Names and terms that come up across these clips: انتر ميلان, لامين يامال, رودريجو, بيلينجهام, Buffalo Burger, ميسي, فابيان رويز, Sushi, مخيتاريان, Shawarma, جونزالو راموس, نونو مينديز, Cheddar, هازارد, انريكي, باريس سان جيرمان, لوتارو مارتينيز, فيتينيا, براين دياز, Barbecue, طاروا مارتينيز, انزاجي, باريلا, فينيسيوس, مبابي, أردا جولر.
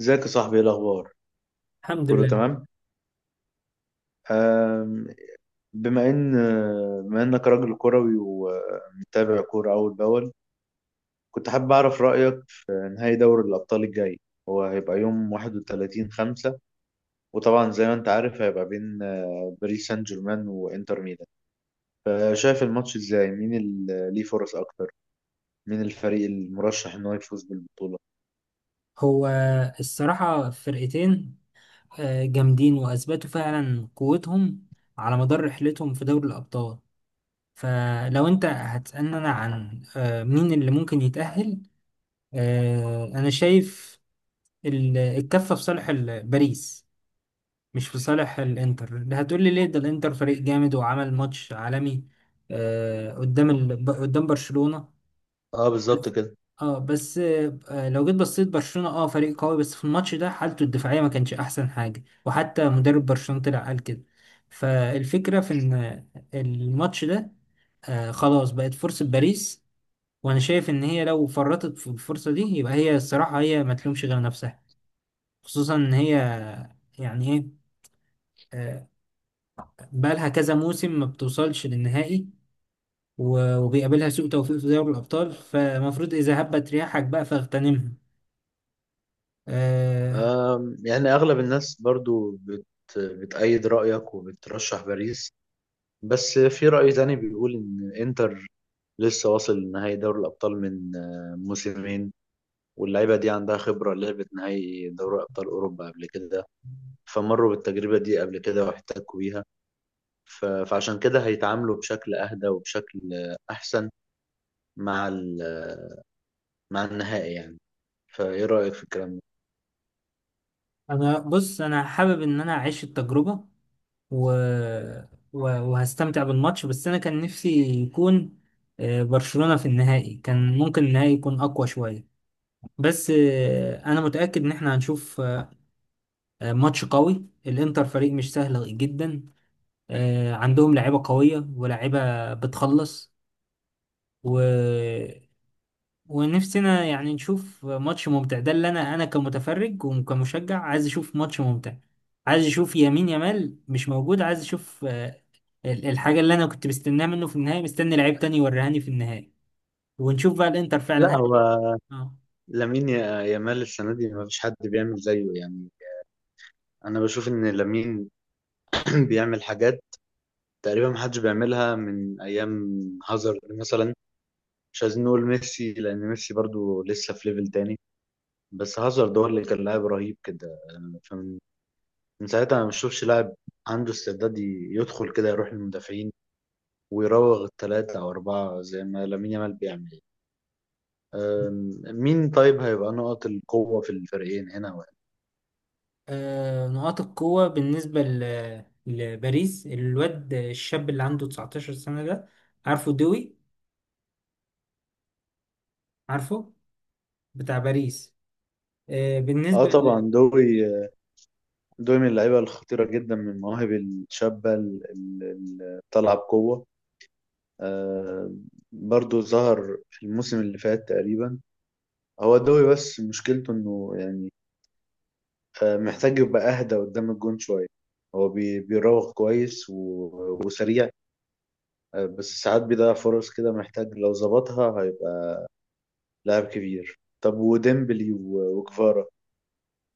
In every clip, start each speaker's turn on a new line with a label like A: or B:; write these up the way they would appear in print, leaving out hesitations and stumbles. A: ازيك يا صاحبي، ايه الاخبار؟
B: الحمد
A: كله
B: لله.
A: تمام. أم، بما ان بما انك راجل كروي ومتابع كوره اول باول، كنت حابب اعرف رايك في نهائي دوري الابطال الجاي. هو هيبقى يوم 31 5، وطبعا زي ما انت عارف هيبقى بين باريس سان جيرمان وانتر ميلان. شايف الماتش ازاي؟ مين اللي ليه فرص اكتر؟ مين الفريق المرشح ان هو يفوز بالبطوله؟
B: هو الصراحة فرقتين جامدين وأثبتوا فعلا قوتهم على مدار رحلتهم في دوري الأبطال. فلو أنت هتسألني عن مين اللي ممكن يتأهل. أنا شايف الكفة في صالح باريس، مش في صالح الإنتر. ده هتقولي ليه؟ ده الإنتر فريق جامد وعمل ماتش عالمي قدام قدام برشلونة.
A: اه، بالظبط
B: بس
A: كده.
B: بس لو جيت بصيت برشلونة، اه فريق قوي، بس في الماتش ده حالته الدفاعية ما كانش احسن حاجة، وحتى مدرب برشلونة طلع قال كده. فالفكرة في ان الماتش ده خلاص بقت فرصة باريس، وانا شايف ان هي لو فرطت في الفرصة دي يبقى هي الصراحة هي ما تلومش غير نفسها. خصوصا ان هي، يعني ايه، آه بقالها كذا موسم ما بتوصلش للنهائي، وبيقابلها سوء توفيق في دوري الابطال، فالمفروض اذا هبت رياحك بقى فاغتنمها. آه،
A: يعني اغلب الناس برضو بتأيد رأيك وبترشح باريس، بس في رأي تاني بيقول إن إنتر لسه واصل لنهائي دوري الأبطال من موسمين، واللعيبة دي عندها خبرة، لعبت نهائي دوري أبطال أوروبا قبل كده، فمروا بالتجربة دي قبل كده واحتكوا بيها. فعشان كده هيتعاملوا بشكل أهدى وبشكل أحسن مع مع النهائي يعني. فإيه رأيك في الكلام ده؟
B: انا بص، انا حابب ان اعيش التجربه و... و... وهستمتع بالماتش. بس انا كان نفسي يكون برشلونه في النهائي، كان ممكن النهائي يكون اقوى شويه. بس انا متاكد ان احنا هنشوف ماتش قوي. الانتر فريق مش سهل جدا، عندهم لعيبه قويه ولاعيبه بتخلص، و... ونفسنا يعني نشوف ماتش ممتع. ده اللي انا كمتفرج وكمشجع عايز اشوف ماتش ممتع، عايز اشوف يمين يمال مش موجود، عايز اشوف الحاجة اللي انا كنت مستناها منه في النهاية. مستني لعيب تاني يوريهاني في النهاية، ونشوف بقى الانتر فعلا
A: لا، هو
B: هل. اه.
A: يامال السنة دي ما فيش حد بيعمل زيه يعني. أنا بشوف إن لامين بيعمل حاجات تقريبا محدش بيعملها من ايام هازارد مثلا. مش عايزين نقول ميسي لان ميسي برضو لسه في ليفل تاني، بس هازارد هو اللي كان لاعب رهيب كده. فمن ساعتها انا ما بشوفش لاعب عنده استعداد يدخل كده، يروح للمدافعين ويراوغ الثلاثة او اربعة زي ما لامين يامال بيعمل. مين طيب هيبقى نقط القوة في الفريقين، هنا وهنا؟
B: نقاط القوة بالنسبة لباريس، الواد الشاب اللي عنده 19 سنة ده، عارفه؟ دوي، عارفه، بتاع باريس.
A: اه
B: بالنسبة
A: طبعا، دوي. دوي من اللعيبة الخطيرة جدا، من المواهب الشابة اللي طالعة بقوة. آه، برضو ظهر في الموسم اللي فات تقريبا هو الدوري، بس مشكلته انه يعني آه، محتاج يبقى اهدى قدام الجون شوية. هو بيراوغ كويس وسريع، آه، بس ساعات بيضيع فرص كده. محتاج لو ظبطها هيبقى لاعب كبير. طب وديمبلي وكفارا؟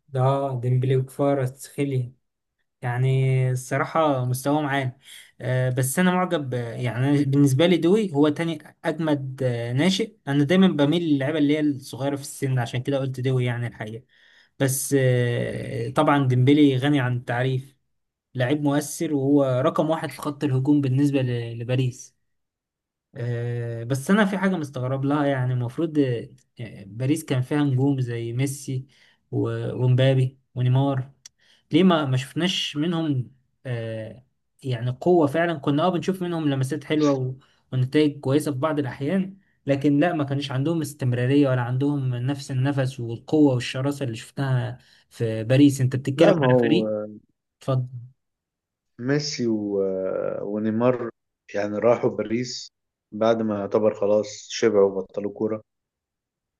B: ده ديمبلي وكفارة تسخيلي، يعني الصراحة مستواه معانا بس أنا معجب. يعني أنا بالنسبة لي دوي هو تاني أجمد ناشئ. أنا دايما بميل للعيبة اللي هي الصغيرة في السن، عشان كده قلت دوي يعني الحقيقة. بس طبعا ديمبلي غني عن التعريف، لعيب مؤثر وهو رقم واحد في خط الهجوم بالنسبة لباريس. بس أنا في حاجة مستغرب لها، يعني المفروض باريس كان فيها نجوم زي ميسي ومبابي ونيمار، ليه ما شفناش منهم آه يعني قوة فعلا؟ كنا اه بنشوف منهم لمسات حلوة ونتائج كويسة في بعض الأحيان، لكن لا، ما كانش عندهم استمرارية ولا عندهم نفس النفس والقوة والشراسة اللي شفتها في باريس. انت
A: لا
B: بتتكلم
A: ما
B: على
A: هو
B: فريق. اتفضل.
A: ميسي ونيمار يعني راحوا باريس بعد ما يعتبر خلاص شبعوا وبطلوا كورة،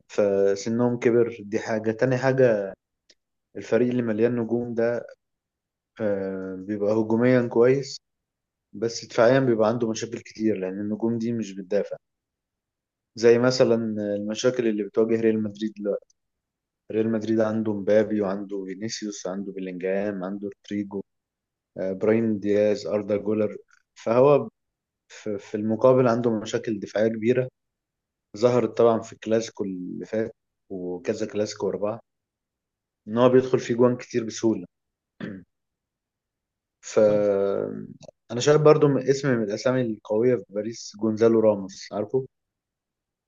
A: فسنهم كبر، دي حاجة. تاني حاجة، الفريق اللي مليان نجوم ده بيبقى هجوميا كويس، بس دفاعيا بيبقى عنده مشاكل كتير، لأن النجوم دي مش بتدافع. زي مثلا المشاكل اللي بتواجه ريال مدريد دلوقتي. ريال مدريد عنده مبابي، وعنده فينيسيوس، عنده بيلينجهام، عنده رودريجو، براين دياز، أردا جولر. فهو في المقابل عنده مشاكل دفاعية كبيرة، ظهرت طبعا في الكلاسيكو اللي فات وكذا كلاسيكو ورا بعض. إن هو بيدخل فيه جوان كتير بسهولة. ف، انا شايف برضو من اسم، من الاسامي القويه في باريس، جونزالو راموس عارفه،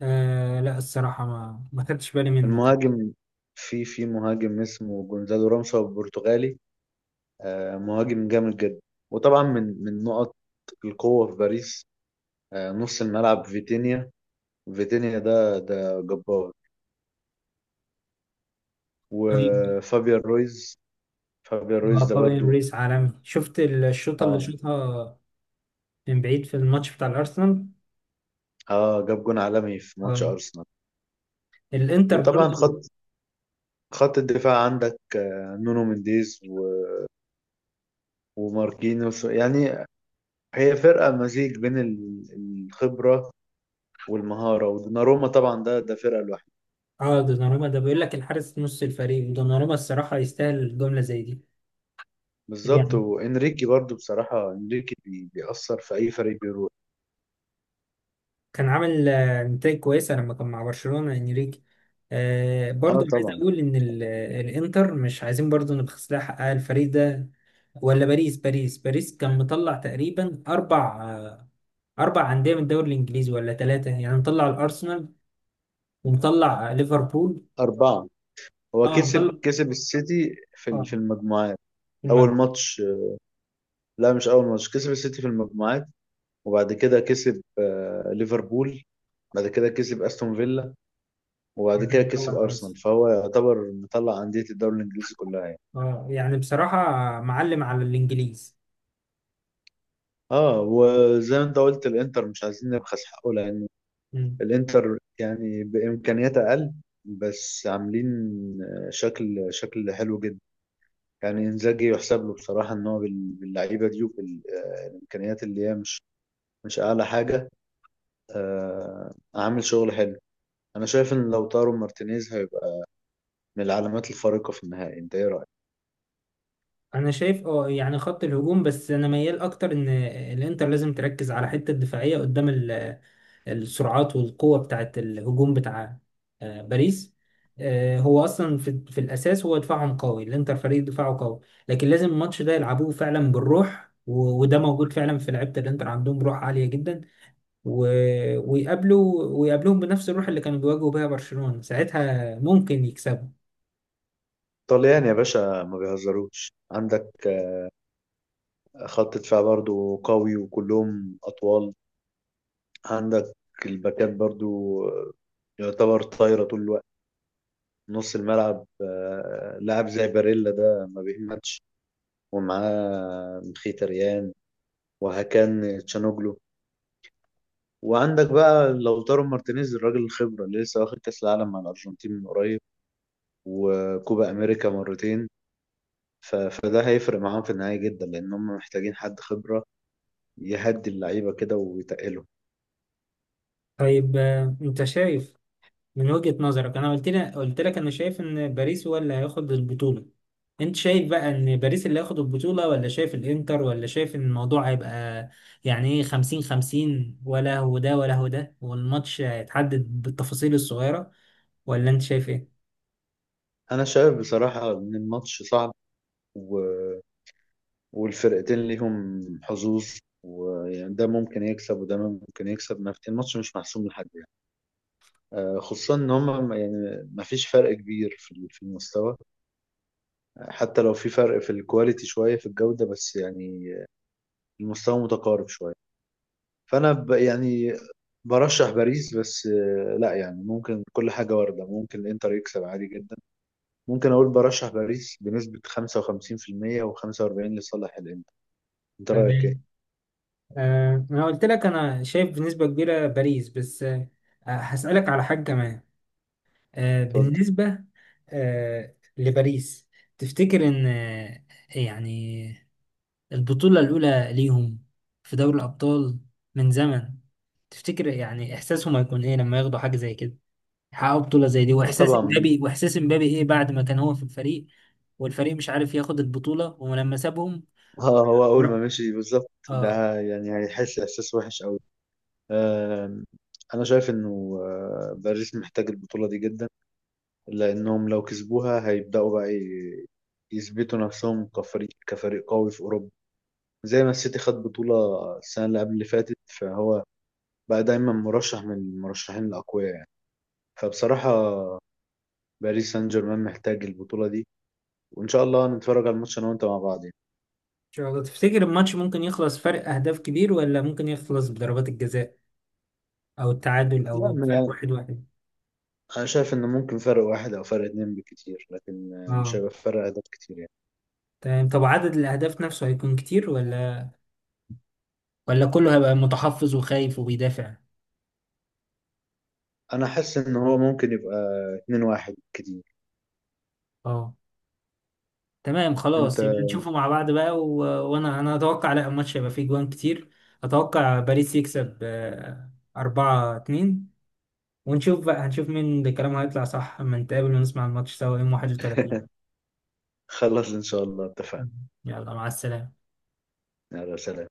B: آه لا، الصراحة ما خدتش بالي منه.
A: المهاجم. في مهاجم اسمه جونزالو راموس، هو برتغالي، مهاجم جامد جدا. وطبعا من نقط القوه في باريس نص الملعب، فيتينيا. فيتينيا ده جبار.
B: طيب.
A: وفابيان رويز، فابيان رويز ده
B: فابيان
A: برضو.
B: ريس عالمي، شفت الشوطة اللي
A: اه
B: شوطها من بعيد في الماتش بتاع الأرسنال.
A: اه جاب جون عالمي في ماتش
B: آه.
A: ارسنال.
B: الانتر
A: وطبعا
B: برضه.
A: خط الدفاع، عندك نونو مينديز وماركينوس يعني. هي فرقة مزيج بين الخبرة والمهارة، ودوناروما طبعا ده فرقة لوحده.
B: اه، دوناروما ده بيقول لك الحارس نص الفريق، ودوناروما الصراحة يستاهل جملة زي دي.
A: بالظبط.
B: يعني
A: وانريكي برضو، بصراحة انريكي بيأثر في أي فريق بيروح.
B: كان عامل نتائج كويسة لما كان مع برشلونة انريكي. آه،
A: اه
B: برضه عايز
A: طبعا.
B: اقول ان الانتر مش عايزين برضه نبخس لها حقها، الفريق ده ولا باريس كان مطلع تقريبا اربع اربع انديه من الدوري الانجليزي ولا ثلاثه، يعني مطلع الارسنال ومطلع ليفربول.
A: أربعة. هو
B: اه، مطلع
A: كسب السيتي في
B: اه
A: في المجموعات. أول
B: المغرب.
A: ماتش، لا مش أول ماتش، كسب السيتي في المجموعات، وبعد كده كسب ليفربول، بعد كده كسب أستون فيلا، وبعد كده
B: مطلع
A: كسب
B: الارسنال،
A: أرسنال. فهو يعتبر مطلع أندية الدوري الإنجليزي كلها يعني.
B: اه يعني بصراحه معلم على الانجليز.
A: اه، وزي ما انت قلت الانتر مش عايزين نبخس حقه، لان
B: مم.
A: الانتر يعني بامكانيات اقل، بس عاملين شكل حلو جدا. يعني انزاجي يحسب له بصراحه، ان هو باللعيبه دي، وبالامكانيات اللي هي مش مش اعلى حاجه، آه، عامل شغل حلو. انا شايف ان لو طاروا مارتينيز هيبقى من العلامات الفارقه في النهائي. انت ايه رايك؟
B: انا شايف اه يعني خط الهجوم، بس انا ميال اكتر ان الانتر لازم تركز على حته الدفاعيه قدام السرعات والقوه بتاعه الهجوم بتاع باريس. هو اصلا في الاساس هو دفاعهم قوي، الانتر فريق دفاعه قوي، لكن لازم الماتش ده يلعبوه فعلا بالروح، وده موجود فعلا في لعيبه الانتر، عندهم روح عاليه جدا. ويقابلوا، ويقابلوهم بنفس الروح اللي كانوا بيواجهوا بيها برشلونه، ساعتها ممكن يكسبوا.
A: طليان يا باشا، ما بيهزروش. عندك خط دفاع برضو قوي وكلهم اطوال، عندك الباكات برضو آه، يعتبر طايرة طول الوقت. نص الملعب لاعب زي باريلا ده ما بيهمتش، ومعاه مخيتاريان، وهكان تشانوجلو. وعندك بقى لوتارو مارتينيز، الراجل الخبرة اللي لسه واخد كأس العالم مع الأرجنتين من قريب، وكوبا أمريكا مرتين. فده هيفرق معاهم في النهاية جدا، لأن هم محتاجين حد خبرة يهدي اللعيبة كده ويتقلهم.
B: طيب انت شايف من وجهة نظرك؟ انا قلت لك انا شايف ان باريس هو اللي هياخد البطولة. انت شايف بقى ان باريس اللي هياخد البطولة، ولا شايف الانتر، ولا شايف ان الموضوع هيبقى يعني ايه 50 50، ولا هو ده ولا هو ده والماتش هيتحدد بالتفاصيل الصغيرة؟ ولا انت شايف ايه؟
A: أنا شايف بصراحة إن الماتش صعب، و... والفرقتين ليهم حظوظ، ويعني ده ممكن يكسب وده ممكن يكسب. ما في- الماتش مش محسوم لحد يعني، خصوصا ان هم يعني ما فيش فرق كبير في في المستوى، حتى لو في فرق في الكواليتي شويه، في الجوده، بس يعني المستوى متقارب شويه. فانا ب، يعني برشح باريس، بس لا يعني ممكن كل حاجه وارده، ممكن الانتر يكسب عادي جدا. ممكن اقول برشح باريس بنسبه 55% و45 لصالح الانتر. انت رايك ايه؟
B: تمام. آه انا قلت لك انا شايف بنسبة كبيرة باريس، بس آه هسألك على حاجة كمان. آه
A: اتفضل.
B: بالنسبة، آه لباريس، تفتكر ان يعني البطولة الأولى ليهم في دوري الأبطال من زمن، تفتكر يعني إحساسهم هيكون إيه لما ياخدوا حاجة زي كده، يحققوا بطولة زي دي؟
A: اه
B: وإحساس
A: طبعا.
B: إمبابي، إيه بعد ما كان هو في الفريق والفريق مش عارف ياخد البطولة، ولما سابهم؟
A: اه، هو اول
B: بر-
A: ما مشي بالظبط،
B: آه.
A: ده يعني هيحس احساس وحش قوي. آم، انا شايف انه باريس محتاج البطولة دي جدا، لانهم لو كسبوها هيبدأوا بقى يثبتوا نفسهم كفريق قوي في اوروبا. زي ما السيتي خد بطولة السنة اللي قبل اللي فاتت، فهو بقى دايما مرشح من المرشحين الاقوياء يعني. فبصراحة باريس سان جيرمان محتاج البطولة دي، وان شاء الله نتفرج على الماتش انا وانت مع بعض يعني.
B: إن شاء الله. تفتكر الماتش ممكن يخلص فرق أهداف كبير، ولا ممكن يخلص بضربات الجزاء أو التعادل أو فرق
A: لا،
B: واحد واحد؟
A: انا شايف ان ممكن فرق واحد او فرق اتنين بكتير، لكن مش
B: آه
A: هيبقى فرق اهداف كتير يعني.
B: تمام. طب عدد الأهداف نفسه هيكون كتير، ولا كله هيبقى متحفظ وخايف وبيدافع؟
A: انا حاسس ان هو ممكن يبقى اتنين واحد كتير.
B: آه تمام.
A: انت
B: خلاص يبقى نشوفه مع بعض بقى. وانا، اتوقع لا، الماتش هيبقى فيه جوان كتير. اتوقع باريس يكسب أربعة اتنين، ونشوف بقى، هنشوف مين اللي كلامه هيطلع صح، اما نتقابل ونسمع الماتش سوا يوم 31.
A: خلص ان شاء الله، اتفقنا.
B: يلا مع السلامة.
A: يلا سلام.